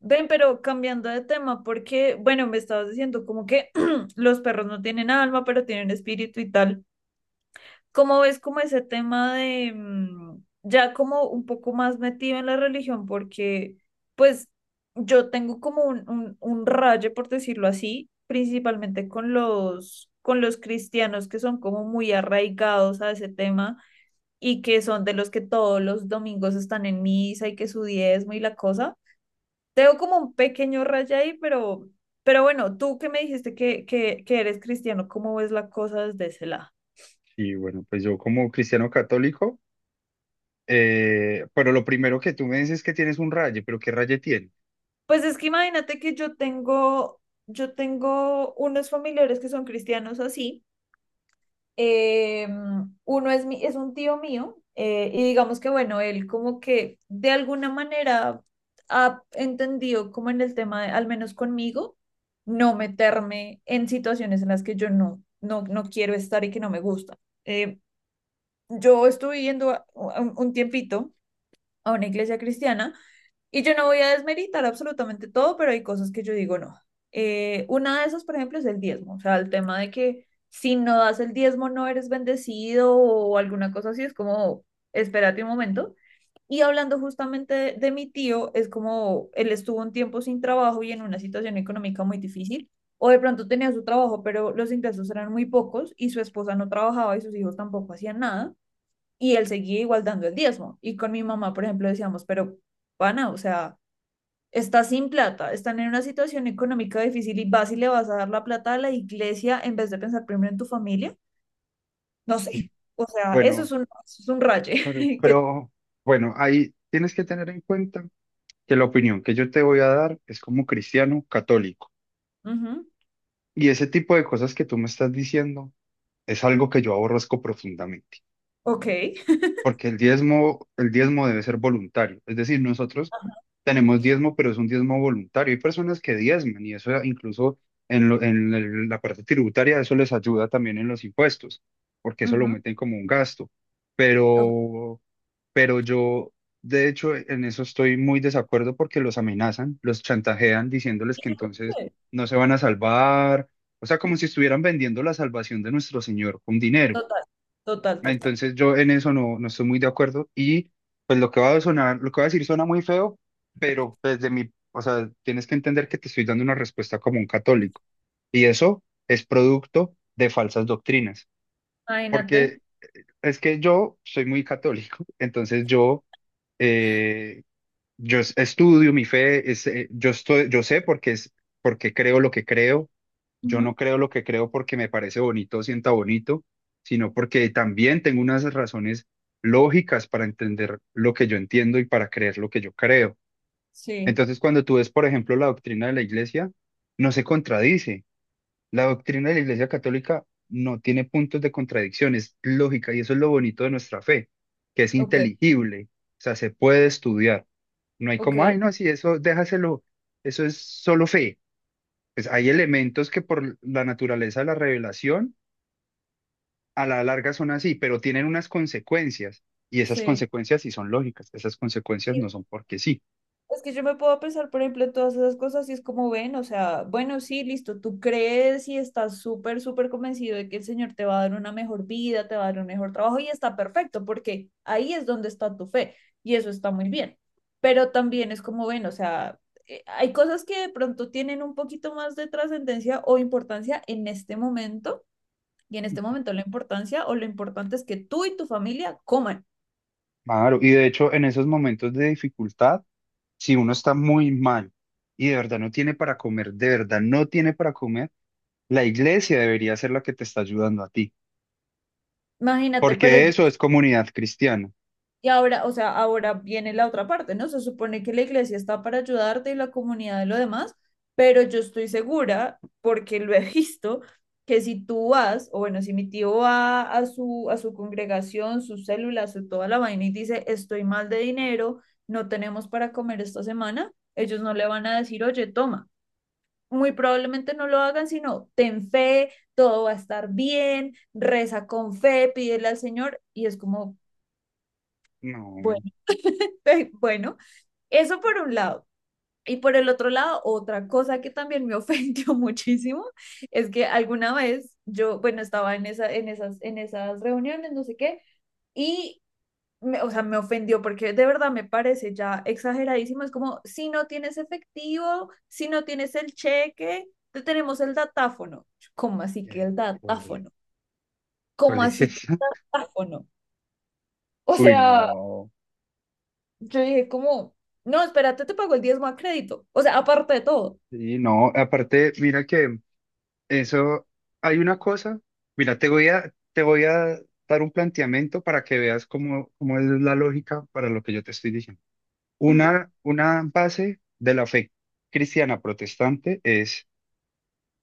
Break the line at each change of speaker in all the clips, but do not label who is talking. Ven, pero cambiando de tema, porque, bueno, me estabas diciendo como que los perros no tienen alma, pero tienen espíritu y tal. ¿Cómo ves como ese tema de ya como un poco más metido en la religión? Porque, pues, yo tengo como un raye, por decirlo así, principalmente con con los cristianos que son como muy arraigados a ese tema y que son de los que todos los domingos están en misa y que su diezmo y la cosa, tengo como un pequeño raya ahí, pero bueno, tú que me dijiste que eres cristiano, ¿cómo ves la cosa desde ese lado?
Sí, bueno, pues yo como cristiano católico, pero lo primero que tú me dices es que tienes un raye, pero ¿qué raye tiene?
Pues es que imagínate que yo tengo unos familiares que son cristianos así. eh, Uno es, mi, es un tío mío, y digamos que bueno, él como que de alguna manera ha entendido como en el tema, al menos conmigo, no meterme en situaciones en las que yo no quiero estar y que no me gusta. Eh, yo estuve un tiempito a una iglesia cristiana y yo no voy a desmeritar absolutamente todo, pero hay cosas que yo digo no. Una de esas, por ejemplo, es el diezmo, o sea, el tema de que si no das el diezmo no eres bendecido o alguna cosa así, es como, espérate un momento. Y hablando justamente de mi tío, es como él estuvo un tiempo sin trabajo y en una situación económica muy difícil. O de pronto tenía su trabajo, pero los ingresos eran muy pocos y su esposa no trabajaba y sus hijos tampoco hacían nada y él seguía igual dando el diezmo. Y con mi mamá, por ejemplo, decíamos, pero pana, o sea, estás sin plata, están en una situación económica difícil y vas y le vas a dar la plata a la iglesia en vez de pensar primero en tu familia. No sé,
Y
o sea,
bueno,
eso es un raye.
pero,
Que,
pero bueno, ahí tienes que tener en cuenta que la opinión que yo te voy a dar es como cristiano católico.
ujú,
Y ese tipo de cosas que tú me estás diciendo es algo que yo aborrezco profundamente,
ok,
porque el diezmo debe ser voluntario. Es decir, nosotros tenemos diezmo, pero es un diezmo voluntario. Hay personas que diezman y eso incluso en la parte tributaria, eso les ayuda también en los impuestos, porque eso lo
ujú,
meten como un gasto.
ok,
Pero, yo, de hecho, en eso estoy muy desacuerdo porque los amenazan, los chantajean diciéndoles que entonces no se van a salvar. O sea, como si estuvieran vendiendo la salvación de nuestro Señor con dinero.
total, total, total.
Entonces yo en eso no estoy muy de acuerdo y pues lo que va a sonar, lo que va a decir suena muy feo, pero desde mi, o sea, tienes que entender que te estoy dando una respuesta como un católico y eso es producto de falsas doctrinas,
Imagínate.
porque es que yo soy muy católico, entonces eh, yo estudio, mi fe es, yo estoy, yo sé porque es porque creo lo que creo. Yo
Ujú,
no creo lo que creo porque me parece bonito o sienta bonito, sino porque también tengo unas razones lógicas para entender lo que yo entiendo y para creer lo que yo creo.
sí,
Entonces, cuando tú ves, por ejemplo, la doctrina de la iglesia, no se contradice. La doctrina de la Iglesia Católica no tiene puntos de contradicción, es lógica y eso es lo bonito de nuestra fe, que es
ok,
inteligible, o sea, se puede estudiar. No hay
ok,
como, ay, no, si eso déjaselo, eso es solo fe. Pues hay elementos que por la naturaleza de la revelación a la larga son así, pero tienen unas consecuencias, y esas
sí.
consecuencias sí son lógicas, esas consecuencias
Sí,
no son porque sí.
es que yo me puedo pensar, por ejemplo, en todas esas cosas y es como ven, o sea, bueno, sí, listo, tú crees y estás súper, súper convencido de que el Señor te va a dar una mejor vida, te va a dar un mejor trabajo y está perfecto, porque ahí es donde está tu fe y eso está muy bien. Pero también es como ven, o sea, hay cosas que de pronto tienen un poquito más de trascendencia o importancia en este momento, y en este momento la importancia o lo importante es que tú y tu familia coman.
Claro, y de hecho en esos momentos de dificultad, si uno está muy mal y de verdad no tiene para comer, de verdad no tiene para comer, la iglesia debería ser la que te está ayudando a ti,
Imagínate, pero
porque
yo...
eso es comunidad cristiana.
Y ahora, o sea, ahora viene la otra parte, ¿no? Se supone que la iglesia está para ayudarte y la comunidad y lo demás, pero yo estoy segura, porque lo he visto, que si tú vas, o bueno, si mi tío va a su congregación, sus células, su toda la vaina y dice, estoy mal de dinero, no tenemos para comer esta semana, ellos no le van a decir, oye, toma. Muy probablemente no lo hagan, sino ten fe, todo va a estar bien, reza con fe, pídele al Señor, y es como, bueno,
No,
bueno, eso por un lado. Y por el otro lado, otra cosa que también me ofendió muchísimo es que alguna vez yo, bueno, estaba en esas reuniones, no sé qué, y, me, o sea, me ofendió porque de verdad me parece ya exageradísimo. Es como, si no tienes efectivo, si no tienes el cheque, te tenemos el datáfono. Yo, ¿cómo así
y
que
ahí,
el
¿cuál es,
datáfono?
cuál
¿Cómo
es
así que
eso?
el datáfono? O
Uy,
sea,
no,
yo dije como, no, espérate, te pago el diezmo a crédito. O sea, aparte de todo.
sí, no, aparte, mira que eso, hay una cosa, mira, te voy a dar un planteamiento para que veas cómo, cómo es la lógica para lo que yo te estoy diciendo.
Ujú,
Una base de la fe cristiana protestante es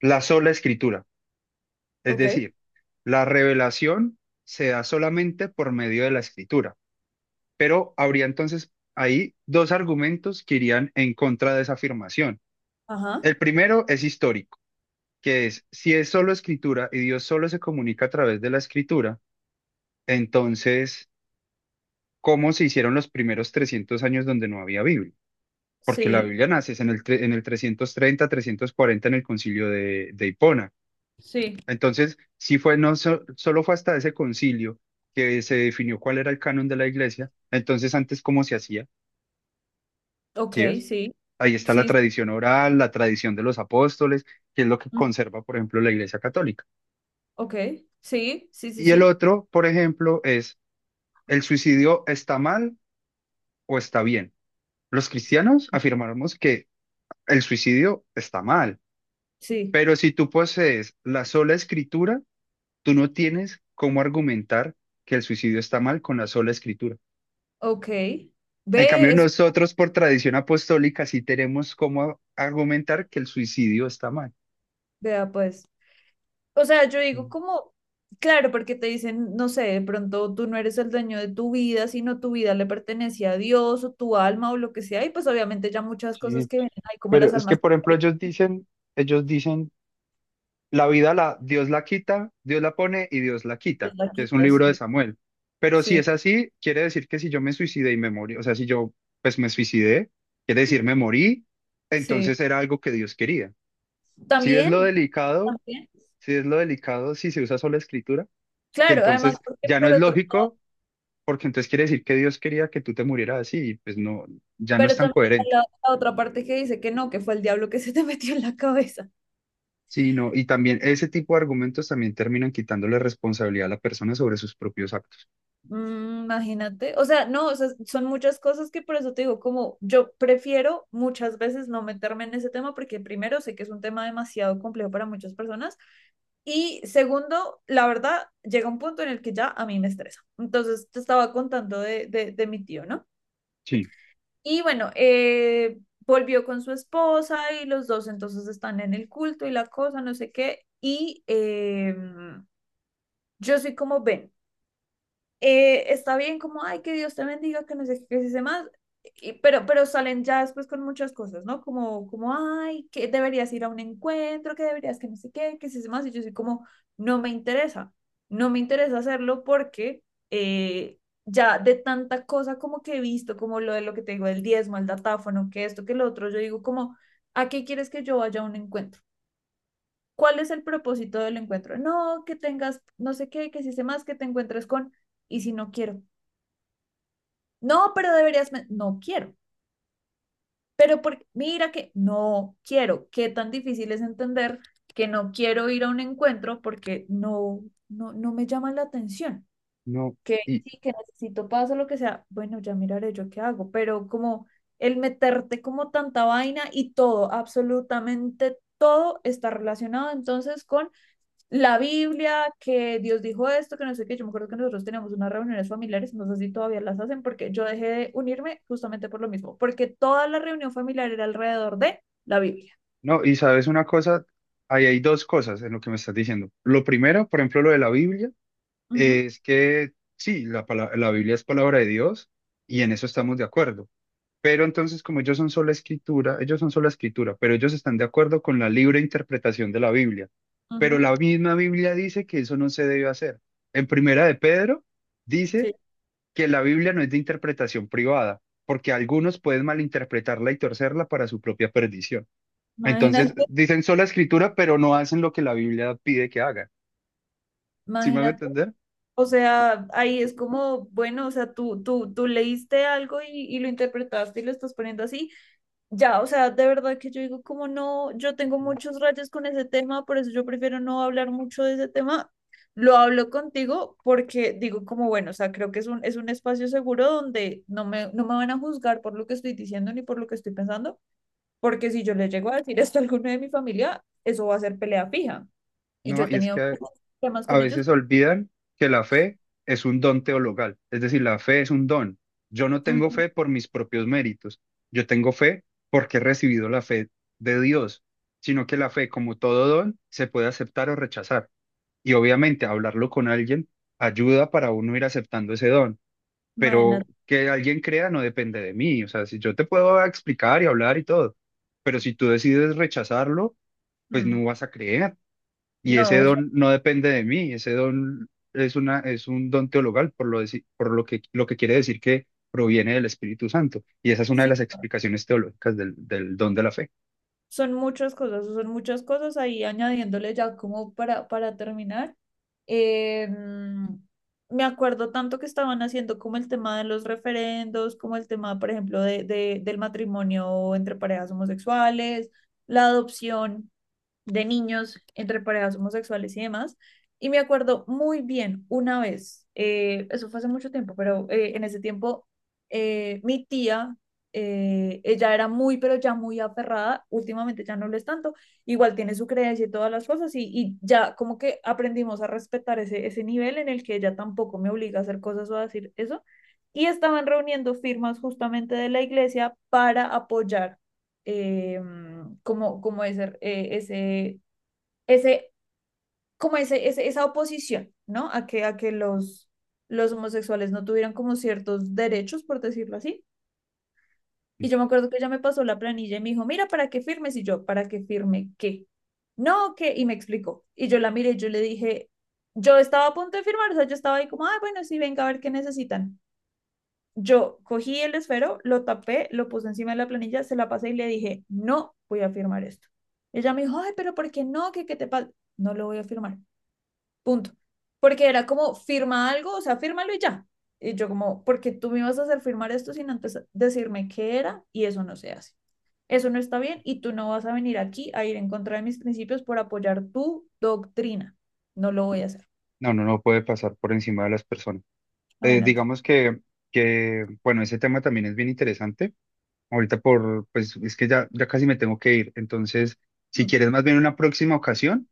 la sola escritura. Es
ok.
decir, la revelación se da solamente por medio de la escritura. Pero habría entonces ahí dos argumentos que irían en contra de esa afirmación.
Ajá,
El primero es histórico, que es si es solo escritura y Dios solo se comunica a través de la escritura, entonces, ¿cómo se hicieron los primeros 300 años donde no había Biblia? Porque la
sí,
Biblia nace es en el, en el 330, 340, en el concilio de Hipona.
sí,
Entonces, sí fue, no so- solo fue hasta ese concilio que se definió cuál era el canon de la iglesia. Entonces, antes, ¿cómo se hacía? ¿Sí
ok,
ves?
sí,
Ahí está la
sí,
tradición oral, la tradición de los apóstoles, que es lo que
mm,
conserva, por ejemplo, la iglesia católica.
ok, sí, sí, sí,
Y el
sí,
otro, por ejemplo, es, ¿el suicidio está mal o está bien? Los cristianos afirmamos que el suicidio está mal,
sí,
pero si tú posees la sola escritura, tú no tienes cómo argumentar que el suicidio está mal con la sola escritura.
ok.
En cambio,
Ve eso,
nosotros por tradición apostólica sí tenemos cómo argumentar que el suicidio está mal.
vea pues. O sea, yo digo
Mm.
como, claro, porque te dicen, no sé, de pronto tú no eres el dueño de tu vida, sino tu vida le pertenece a Dios o tu alma o lo que sea, y pues obviamente ya muchas cosas
Sí,
que vienen ahí, como
pero
las
es que,
almas,
por ejemplo, ellos dicen, la vida la, Dios la quita, Dios la pone y Dios la quita,
las
que es un
quitas,
libro de
sí,
Samuel. Pero si
sí,
es así, quiere decir que si yo me suicidé y me morí, o sea, si yo pues me suicidé, quiere decir me morí,
sí.
entonces era algo que Dios quería. Si es lo
También,
delicado,
también.
si es lo delicado, si se usa solo la escritura, que
Claro, además
entonces
porque
ya no
por
es
otro lado...
lógico porque entonces quiere decir que Dios quería que tú te murieras así, y pues no, ya no es
Pero
tan
también está
coherente.
la, la otra parte que dice que no, que fue el diablo que se te metió en la cabeza.
Sí, no, y también ese tipo de argumentos también terminan quitándole responsabilidad a la persona sobre sus propios actos.
Mm, imagínate. O sea, no, o sea, son muchas cosas que por eso te digo, como yo prefiero muchas veces no meterme en ese tema porque primero sé que es un tema demasiado complejo para muchas personas y segundo, la verdad, llega un punto en el que ya a mí me estresa. Entonces, te estaba contando de mi tío, ¿no?
Sí,
Y bueno, volvió con su esposa y los dos entonces están en el culto y la cosa, no sé qué. Yo soy como, ven, está bien como, ay, que Dios te bendiga, que no sé qué se más, pero salen ya después con muchas cosas, ¿no? Como, como, ay, que deberías ir a un encuentro, que deberías que no sé qué, que si se más, y yo soy como, no me interesa, no me interesa hacerlo porque eh, ya de tanta cosa como que he visto, como lo de lo que te digo, el diezmo, el datáfono, que esto, que lo otro, yo digo como, ¿a qué quieres que yo vaya a un encuentro? ¿Cuál es el propósito del encuentro? No, que tengas, no sé qué, que si sé más, que te encuentres con, y si no quiero. No, pero deberías, no quiero. Pero porque, mira que no quiero, qué tan difícil es entender que no quiero ir a un encuentro porque no me llama la atención.
no,
Que
y
sí, que necesito paso, lo que sea. Bueno, ya miraré yo qué hago, pero como el meterte como tanta vaina y todo, absolutamente todo está relacionado entonces con la Biblia, que Dios dijo esto, que no sé qué. Yo me acuerdo que nosotros teníamos unas reuniones familiares, no sé si todavía las hacen, porque yo dejé de unirme justamente por lo mismo, porque toda la reunión familiar era alrededor de la Biblia.
no, y sabes una cosa, ahí hay dos cosas en lo que me estás diciendo. Lo primero, por ejemplo, lo de la Biblia,
Ujú,
es que sí, la Biblia es palabra de Dios y en eso estamos de acuerdo. Pero entonces, como ellos son sola escritura, pero ellos están de acuerdo con la libre interpretación de la Biblia. Pero la
ujú,
misma Biblia dice que eso no se debe hacer. En Primera de Pedro dice
sí.
que la Biblia no es de interpretación privada, porque algunos pueden malinterpretarla y torcerla para su propia perdición. Entonces,
Imagínate,
dicen sola escritura, pero no hacen lo que la Biblia pide que hagan. ¿Sí me van a
imagínate.
entender?
O sea, ahí es como, bueno, o sea, tú leíste algo y lo interpretaste y lo estás poniendo así. Ya, o sea, de verdad que yo digo, como no, yo tengo
Ujú.
muchos rayos con ese tema, por eso yo prefiero no hablar mucho de ese tema. Lo hablo contigo porque digo como, bueno, o sea, creo que es es un espacio seguro donde no no me van a juzgar por lo que estoy diciendo ni por lo que estoy pensando, porque si yo le llego a decir esto a alguno de mi familia, eso va a ser pelea fija. Y yo
No,
he
y es
tenido
que
muchos temas
a
con ellos,
veces
pero,
olvidan que la fe es un don teologal, es decir, la fe es un don. Yo no tengo
ujú,
fe por mis propios méritos, yo tengo fe porque he recibido la fe de Dios, sino que la fe, como todo don, se puede aceptar o rechazar. Y obviamente hablarlo con alguien ayuda para uno ir aceptando ese don, pero
imagínate,
que alguien crea no depende de mí, o sea, si yo te puedo explicar y hablar y todo, pero si tú decides rechazarlo, pues
mm,
no vas a creer. Y ese
no, o sea,
don no depende de mí, ese don es un don teologal, por lo que quiere decir que proviene del Espíritu Santo. Y esa es una de
sí.
las explicaciones teológicas del don de la fe.
Son muchas cosas ahí añadiéndole ya como para terminar. eh, Me acuerdo tanto que estaban haciendo como el tema de los referendos, como el tema, por ejemplo, del matrimonio entre parejas homosexuales, la adopción de niños entre parejas homosexuales y demás. Y me acuerdo muy bien una vez, eso fue hace mucho tiempo, pero en ese tiempo mi tía, ella era muy, pero ya muy aferrada, últimamente ya no lo es tanto, igual tiene su creencia y todas las cosas y ya como que aprendimos a respetar ese nivel en el que ella tampoco me obliga a hacer cosas o a decir eso. Y estaban reuniendo firmas justamente de la iglesia para apoyar mm, como, como ese, ese, ese, como ese- esa oposición, ¿no? A que los homosexuales no tuvieran como ciertos derechos, por decirlo así. Y yo me acuerdo que ella me pasó la planilla y me dijo, mira, ¿para qué firmes? Y yo, ¿para qué firme qué? No, ¿qué? Y me explicó. Y yo la miré y yo le dije, yo estaba a punto de firmar, o sea, yo estaba ahí como, ah, bueno, sí, venga a ver qué necesitan. Yo cogí el esfero, lo tapé, lo puse encima de la planilla, se la pasé y le dije, no voy a firmar esto. Ella me dijo, ay, pero ¿por qué no? ¿Qué, qué te pasa? No lo voy a firmar, punto. Porque era como, firma algo, o sea, fírmalo y ya. Y yo como, porque tú me vas a hacer firmar esto sin antes decirme qué era y eso no se hace. Eso no está bien y tú no vas a venir aquí a ir en contra de mis principios por apoyar tu doctrina. No lo voy a hacer.
No, no, no puede pasar por encima de las personas.
Imagínate.
Digamos que, bueno, ese tema también es bien interesante. Ahorita por, pues es que ya, ya casi me tengo que ir. Entonces, si quieres más bien una próxima ocasión,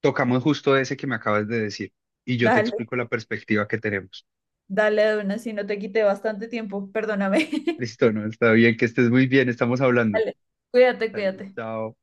tocamos justo ese que me acabas de decir y yo te
Dale,
explico la perspectiva que tenemos.
dale de una, si no te quité bastante tiempo, perdóname.
Listo, no, está bien, que estés muy bien, estamos hablando.
Dale, cuídate,
Dale,
cuídate.
chao.